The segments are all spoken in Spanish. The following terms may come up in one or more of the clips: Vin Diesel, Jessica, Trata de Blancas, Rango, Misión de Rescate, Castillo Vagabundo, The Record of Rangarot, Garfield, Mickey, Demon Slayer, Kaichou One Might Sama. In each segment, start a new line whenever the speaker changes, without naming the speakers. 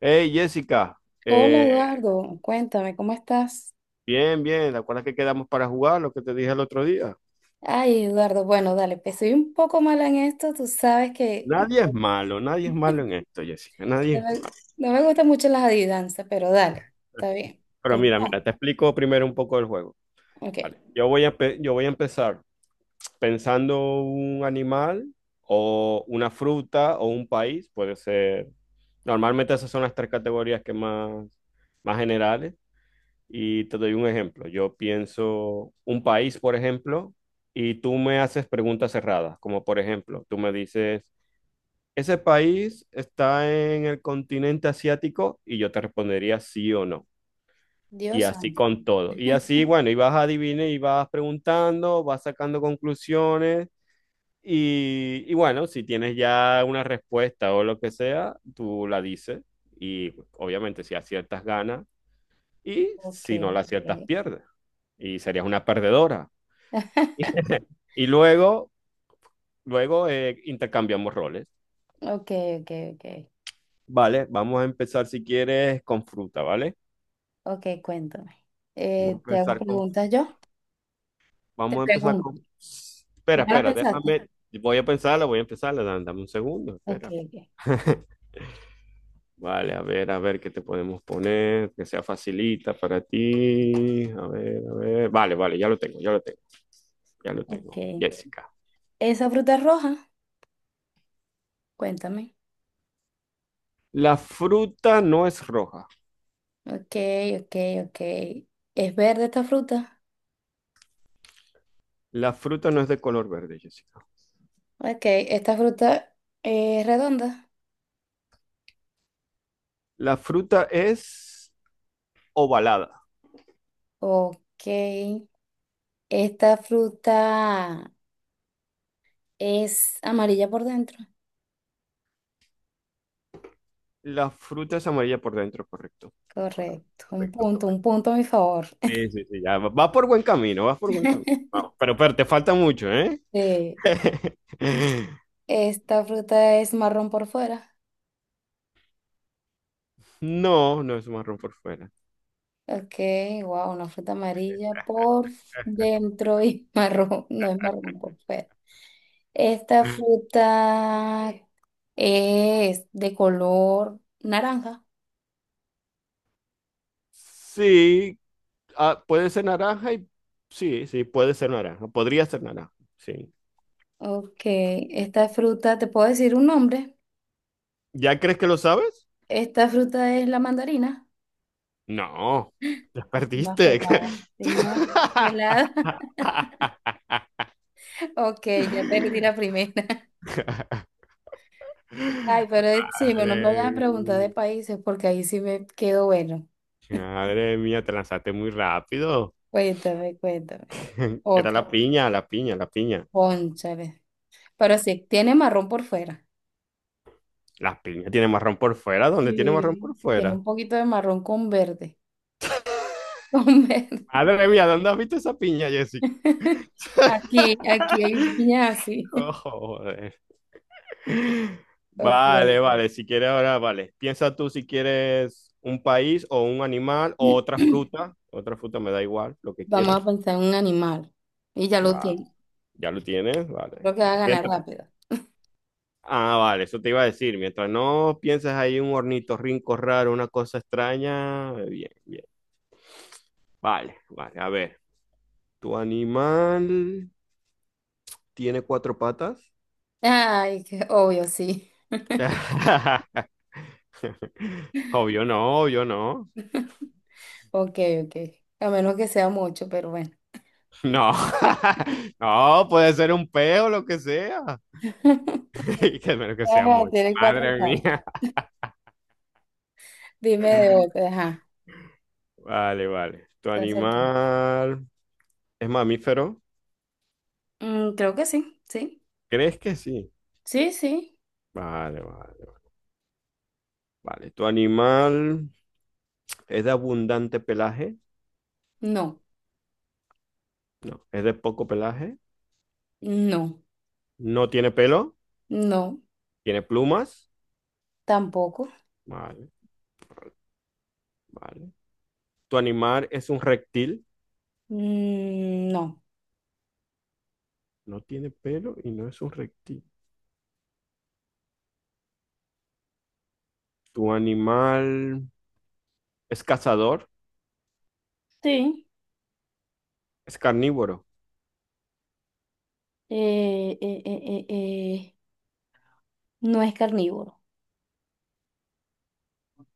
Hey Jessica,
Hola
eh,
Eduardo, cuéntame, ¿cómo estás?
bien, bien, ¿te acuerdas que quedamos para jugar lo que te dije el otro día?
Ay, Eduardo, bueno, dale, pues soy un poco mala en esto, tú sabes que
Nadie es malo, nadie es malo en esto, Jessica,
no
nadie.
me, no me gustan mucho las adivinanzas, pero dale, está bien.
Pero mira, mira,
Comenzamos.
te explico primero un poco el juego.
Ok.
Vale, yo voy a empezar pensando un animal o una fruta o un país, puede ser. Normalmente esas son las tres categorías que más, más generales. Y te doy un ejemplo. Yo pienso un país, por ejemplo, y tú me haces preguntas cerradas, como por ejemplo, tú me dices, ¿ese país está en el continente asiático? Y yo te respondería sí o no. Y
Dios
así
santo.
con todo. Y así, bueno, y vas a adivinar y vas preguntando, vas sacando conclusiones. Y bueno, si tienes ya una respuesta o lo que sea, tú la dices. Y obviamente si aciertas ganas y
Ok,
si no la aciertas
ok,
pierdes y serías una perdedora. Y luego, luego intercambiamos roles.
ok, ok, ok,
Vale, vamos a empezar si quieres con fruta, ¿vale?
ok, cuéntame.
Vamos a
¿Te hago
empezar con,
preguntas yo? Te
vamos a empezar con...
pregunto.
Espera,
¿Ya la
espera,
pensaste?
déjame, voy a pensarla, voy a empezarla, dame, dame un segundo,
Ok,
espera.
ok,
Vale, a ver qué te podemos poner, que sea facilita para ti. A ver, a ver. Vale, vale, ya lo tengo, ya lo tengo. Ya lo tengo,
ok.
Jessica.
¿Esa fruta es roja? Cuéntame.
La fruta no es roja.
Ok, ok, ok. ¿Es verde esta fruta?
La fruta no es de color verde, Jessica.
Ok, esta fruta es redonda.
La fruta es ovalada.
Ok, esta fruta es amarilla por dentro.
La fruta es amarilla por dentro, correcto. Correcto,
Correcto,
correcto.
un punto a mi favor.
Sí, sí, sí, ya va por buen camino, vas por buen camino. Vamos, pero te falta mucho, ¿eh?
Sí, esta fruta es marrón por fuera.
No, no es marrón por fuera.
Ok, wow, una fruta amarilla por dentro y marrón, no es marrón por fuera. Esta fruta es de color naranja.
Sí, ah, puede ser naranja y sí, sí, puede ser naranja. Podría ser naranja, sí.
Ok, esta fruta, ¿te puedo decir un nombre?
¿Ya crees que lo sabes?
Esta fruta es la mandarina.
No, ya
Estoy más
perdiste.
pelada, estoy más pelada. Ok, ya perdí la primera. Ay, pero sí, bueno, no me
Madre,
vayas a preguntar de países porque ahí sí me quedo bueno.
madre mía, te lanzaste muy rápido.
Cuéntame, cuéntame.
Era
Otra,
la piña, la piña, la piña.
cónchale. Pero sí, tiene marrón por fuera.
La piña tiene marrón por fuera. ¿Dónde tiene marrón por
Sí. Tiene
fuera?
un poquito de marrón con verde. Con verde.
Madre mía, ¿dónde has visto esa piña, Jessica?
Aquí, aquí hay piña así.
Oh, joder.
Ok.
Vale, vale. Si quieres ahora, vale. Piensa tú si quieres un país o un animal o otra fruta. Otra fruta me da igual, lo que
Vamos
quieras.
a pensar en un animal. Y ya lo
Va,
tengo.
ya lo tienes, vale.
Creo que va a
Vale.
ganar
Piensa.
rápido.
Ah, vale, eso te iba a decir. Mientras no pienses ahí un hornito rinco raro, una cosa extraña, bien, bien. Vale, vale, a ver. ¿Tu animal tiene cuatro patas?
Ay, qué obvio, sí.
Obvio no, obvio no.
Ok, ok. A menos que sea mucho, pero bueno.
No, no, puede ser un peo, lo que sea. Que menos que sea
Ajá,
mucho.
tiene cuatro
Madre
patas.
mía.
Dime de otra, ajá.
Vale, vale. ¿Tu
¿Estás aquí?
animal es mamífero?
Creo que sí, sí.
¿Crees que sí?
Sí, sí.
Vale, vale, vale. ¿Tu animal ¿es de abundante pelaje?
No,
No. ¿Es de poco pelaje?
no,
¿No tiene pelo?
no,
¿Tiene plumas?
tampoco.
Vale, vale. ¿Tu animal es un reptil?
Mm, no.
No tiene pelo y no es un reptil. ¿Tu animal es cazador?
Sí.
¿Es carnívoro?
Eh, eh, eh, eh, eh, No es carnívoro.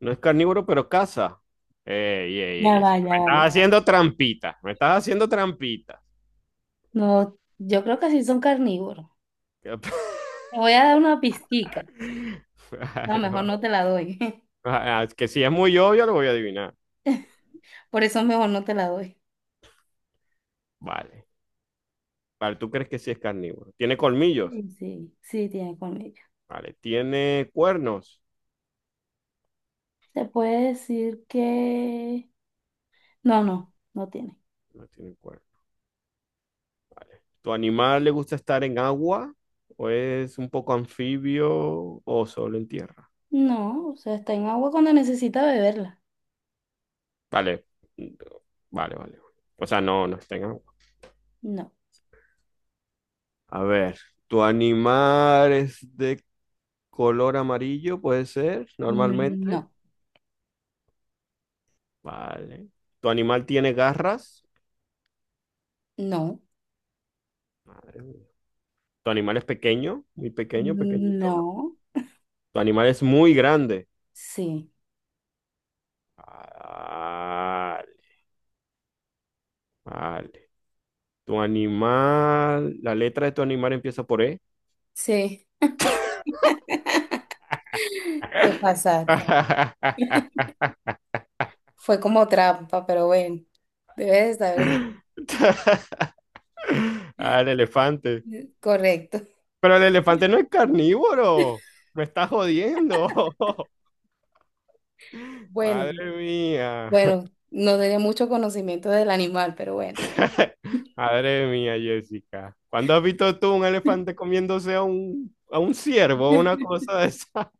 No es carnívoro, pero caza. Ey, ey, ey,
Ya
eso.
va, ya
Me
va. Ya.
estás haciendo trampita. Me estás haciendo trampita.
No, yo creo que sí son carnívoros. Te voy a dar una pizquica. No,
Vale,
mejor no te
vale.
la doy.
Ah, es que si es muy obvio, lo voy a adivinar.
Por eso mejor no te la doy.
Vale. Vale, tú crees que sí es carnívoro. ¿Tiene colmillos?
Sí, sí, sí tiene colmillo.
Vale, ¿tiene cuernos?
Se puede decir que... No, no, no tiene.
No tiene cuernos. ¿Tu animal le gusta estar en agua? ¿O es un poco anfibio o solo en tierra?
No, o sea, está en agua cuando necesita beberla.
Vale, vale, vale. O sea, no, no está en agua.
No.
A ver, ¿tu animal es de color amarillo? Puede ser,
Mm,
normalmente.
no,
Vale. ¿Tu animal tiene garras?
no,
Madre mía. ¿Tu animal es pequeño? Muy pequeño, pequeñito.
no,
¿Tu animal es muy grande?
sí,
Vale, vale. Tu animal, la letra de tu animal empieza por E.
sí. Te pasaste. Fue como trampa, pero bueno, debes de saber.
Ah, el elefante.
Correcto.
Pero el elefante no es carnívoro. Me estás jodiendo.
Bueno,
Madre mía.
bueno, no tenía mucho conocimiento del animal, pero bueno.
Madre mía, Jessica. ¿Cuándo has visto tú un elefante comiéndose a a un ciervo o una cosa de esa?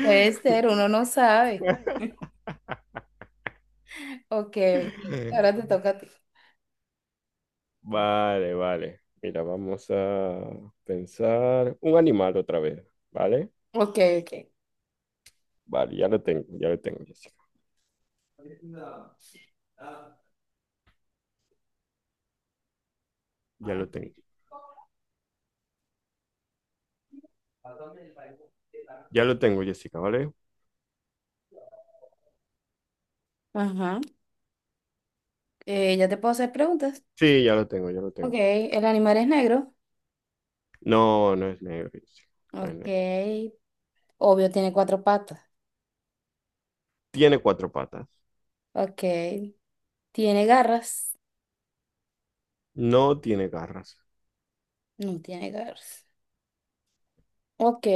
Puede ser, uno no sabe. Ok, ok. Ahora te toca a ti.
Vale, vale. Mira, vamos a pensar un animal otra vez, ¿vale?
Ok, ok.
Vale, ya lo tengo, Jessica. Ya lo tengo. Ya lo tengo, Jessica, ¿vale?
Ajá. Ya te puedo hacer preguntas.
Sí, ya lo tengo, ya lo
Ok,
tengo.
el animal es negro.
No, no es negro, Jessica. No es
Ok.
negro.
Obvio, tiene cuatro patas.
Tiene cuatro patas.
Ok. ¿Tiene garras?
No tiene garras.
No tiene garras. Ok.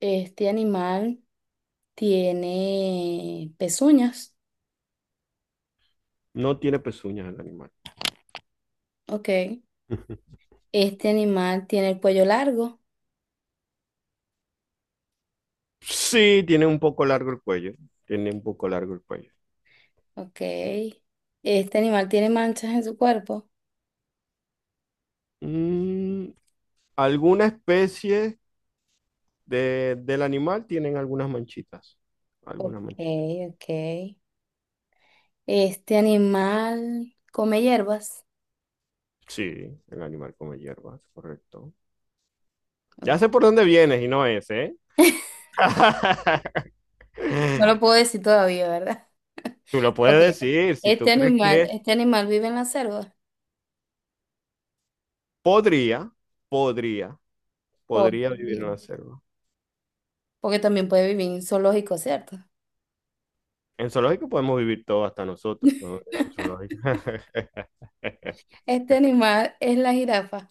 Este animal tiene pezuñas.
No tiene pezuñas el animal.
Ok. Este animal tiene el cuello largo.
Sí, tiene un poco largo el cuello. Tiene un poco largo el cuello.
Ok. Este animal tiene manchas en su cuerpo.
Mm, alguna especie del animal tienen algunas manchitas.
Ok,
Algunas manchitas.
ok. Este animal come hierbas.
Sí, el animal come hierbas, correcto.
No.
Ya sé por dónde vienes y no es, ¿eh?
No lo puedo decir todavía, ¿verdad?
Tú lo
Ok.
puedes decir, si
Este
tú crees que
animal,
es-
este animal vive en la selva.
podría, podría, podría vivir en
Bien.
la selva.
Porque también puede vivir en zoológico, ¿cierto?
En zoológico podemos vivir todo hasta nosotros, ¿no? En un zoológico.
Este animal es la jirafa.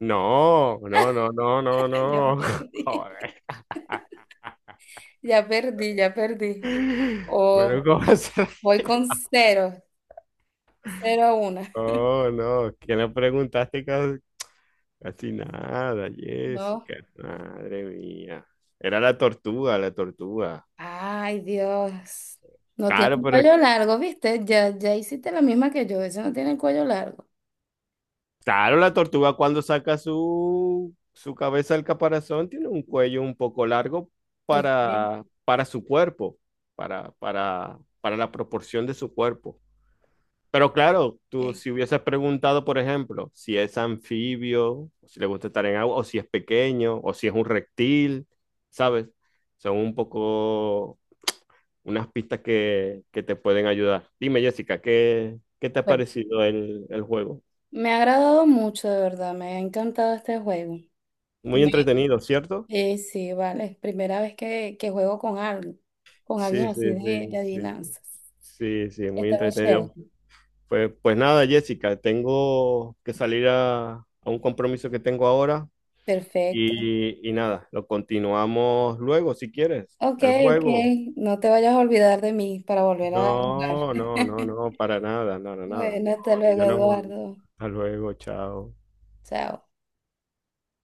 No, no, no, no, no,
Ya
no.
perdí.
Joder.
Ya perdí, ya perdí. O
Bueno, ¿cómo vas a
voy
reír?
con cero, cero a una.
No, no, que no preguntaste casi, casi nada,
No.
Jessica. Madre mía. Era la tortuga, la tortuga.
Ay, Dios. No tiene
Claro,
el
pero es...
cuello largo, ¿viste? Ya hiciste la misma que yo. Ese no tiene el cuello largo.
Claro, la tortuga cuando saca su cabeza del caparazón tiene un cuello un poco largo
Ok,
para su cuerpo, para la proporción de su cuerpo. Pero claro, tú
ok.
si hubieses preguntado, por ejemplo, si es anfibio, o si le gusta estar en agua, o si es pequeño, o si es un reptil, ¿sabes? Son un poco unas pistas que te pueden ayudar. Dime, Jessica, ¿qué, qué te ha
Bueno.
parecido el juego?
Me ha agradado mucho, de verdad, me ha encantado este juego.
Muy
Me-
entretenido, ¿cierto?
sí, vale, es primera vez que juego con alguien,
Sí, sí,
así de
sí, sí,
adivinanzas.
sí, sí, muy
Está muy chévere.
entretenido. Pues, pues nada, Jessica, tengo que salir a un compromiso que tengo ahora
Perfecto.
y nada, lo continuamos luego si quieres,
Ok,
el
ok,
juego.
no te vayas a olvidar de mí para volver a jugar.
No, no, no, no, para nada, no, no, nada.
Bueno,
Yo,
hasta luego,
yo no.
Eduardo.
Hasta luego, chao.
Chao.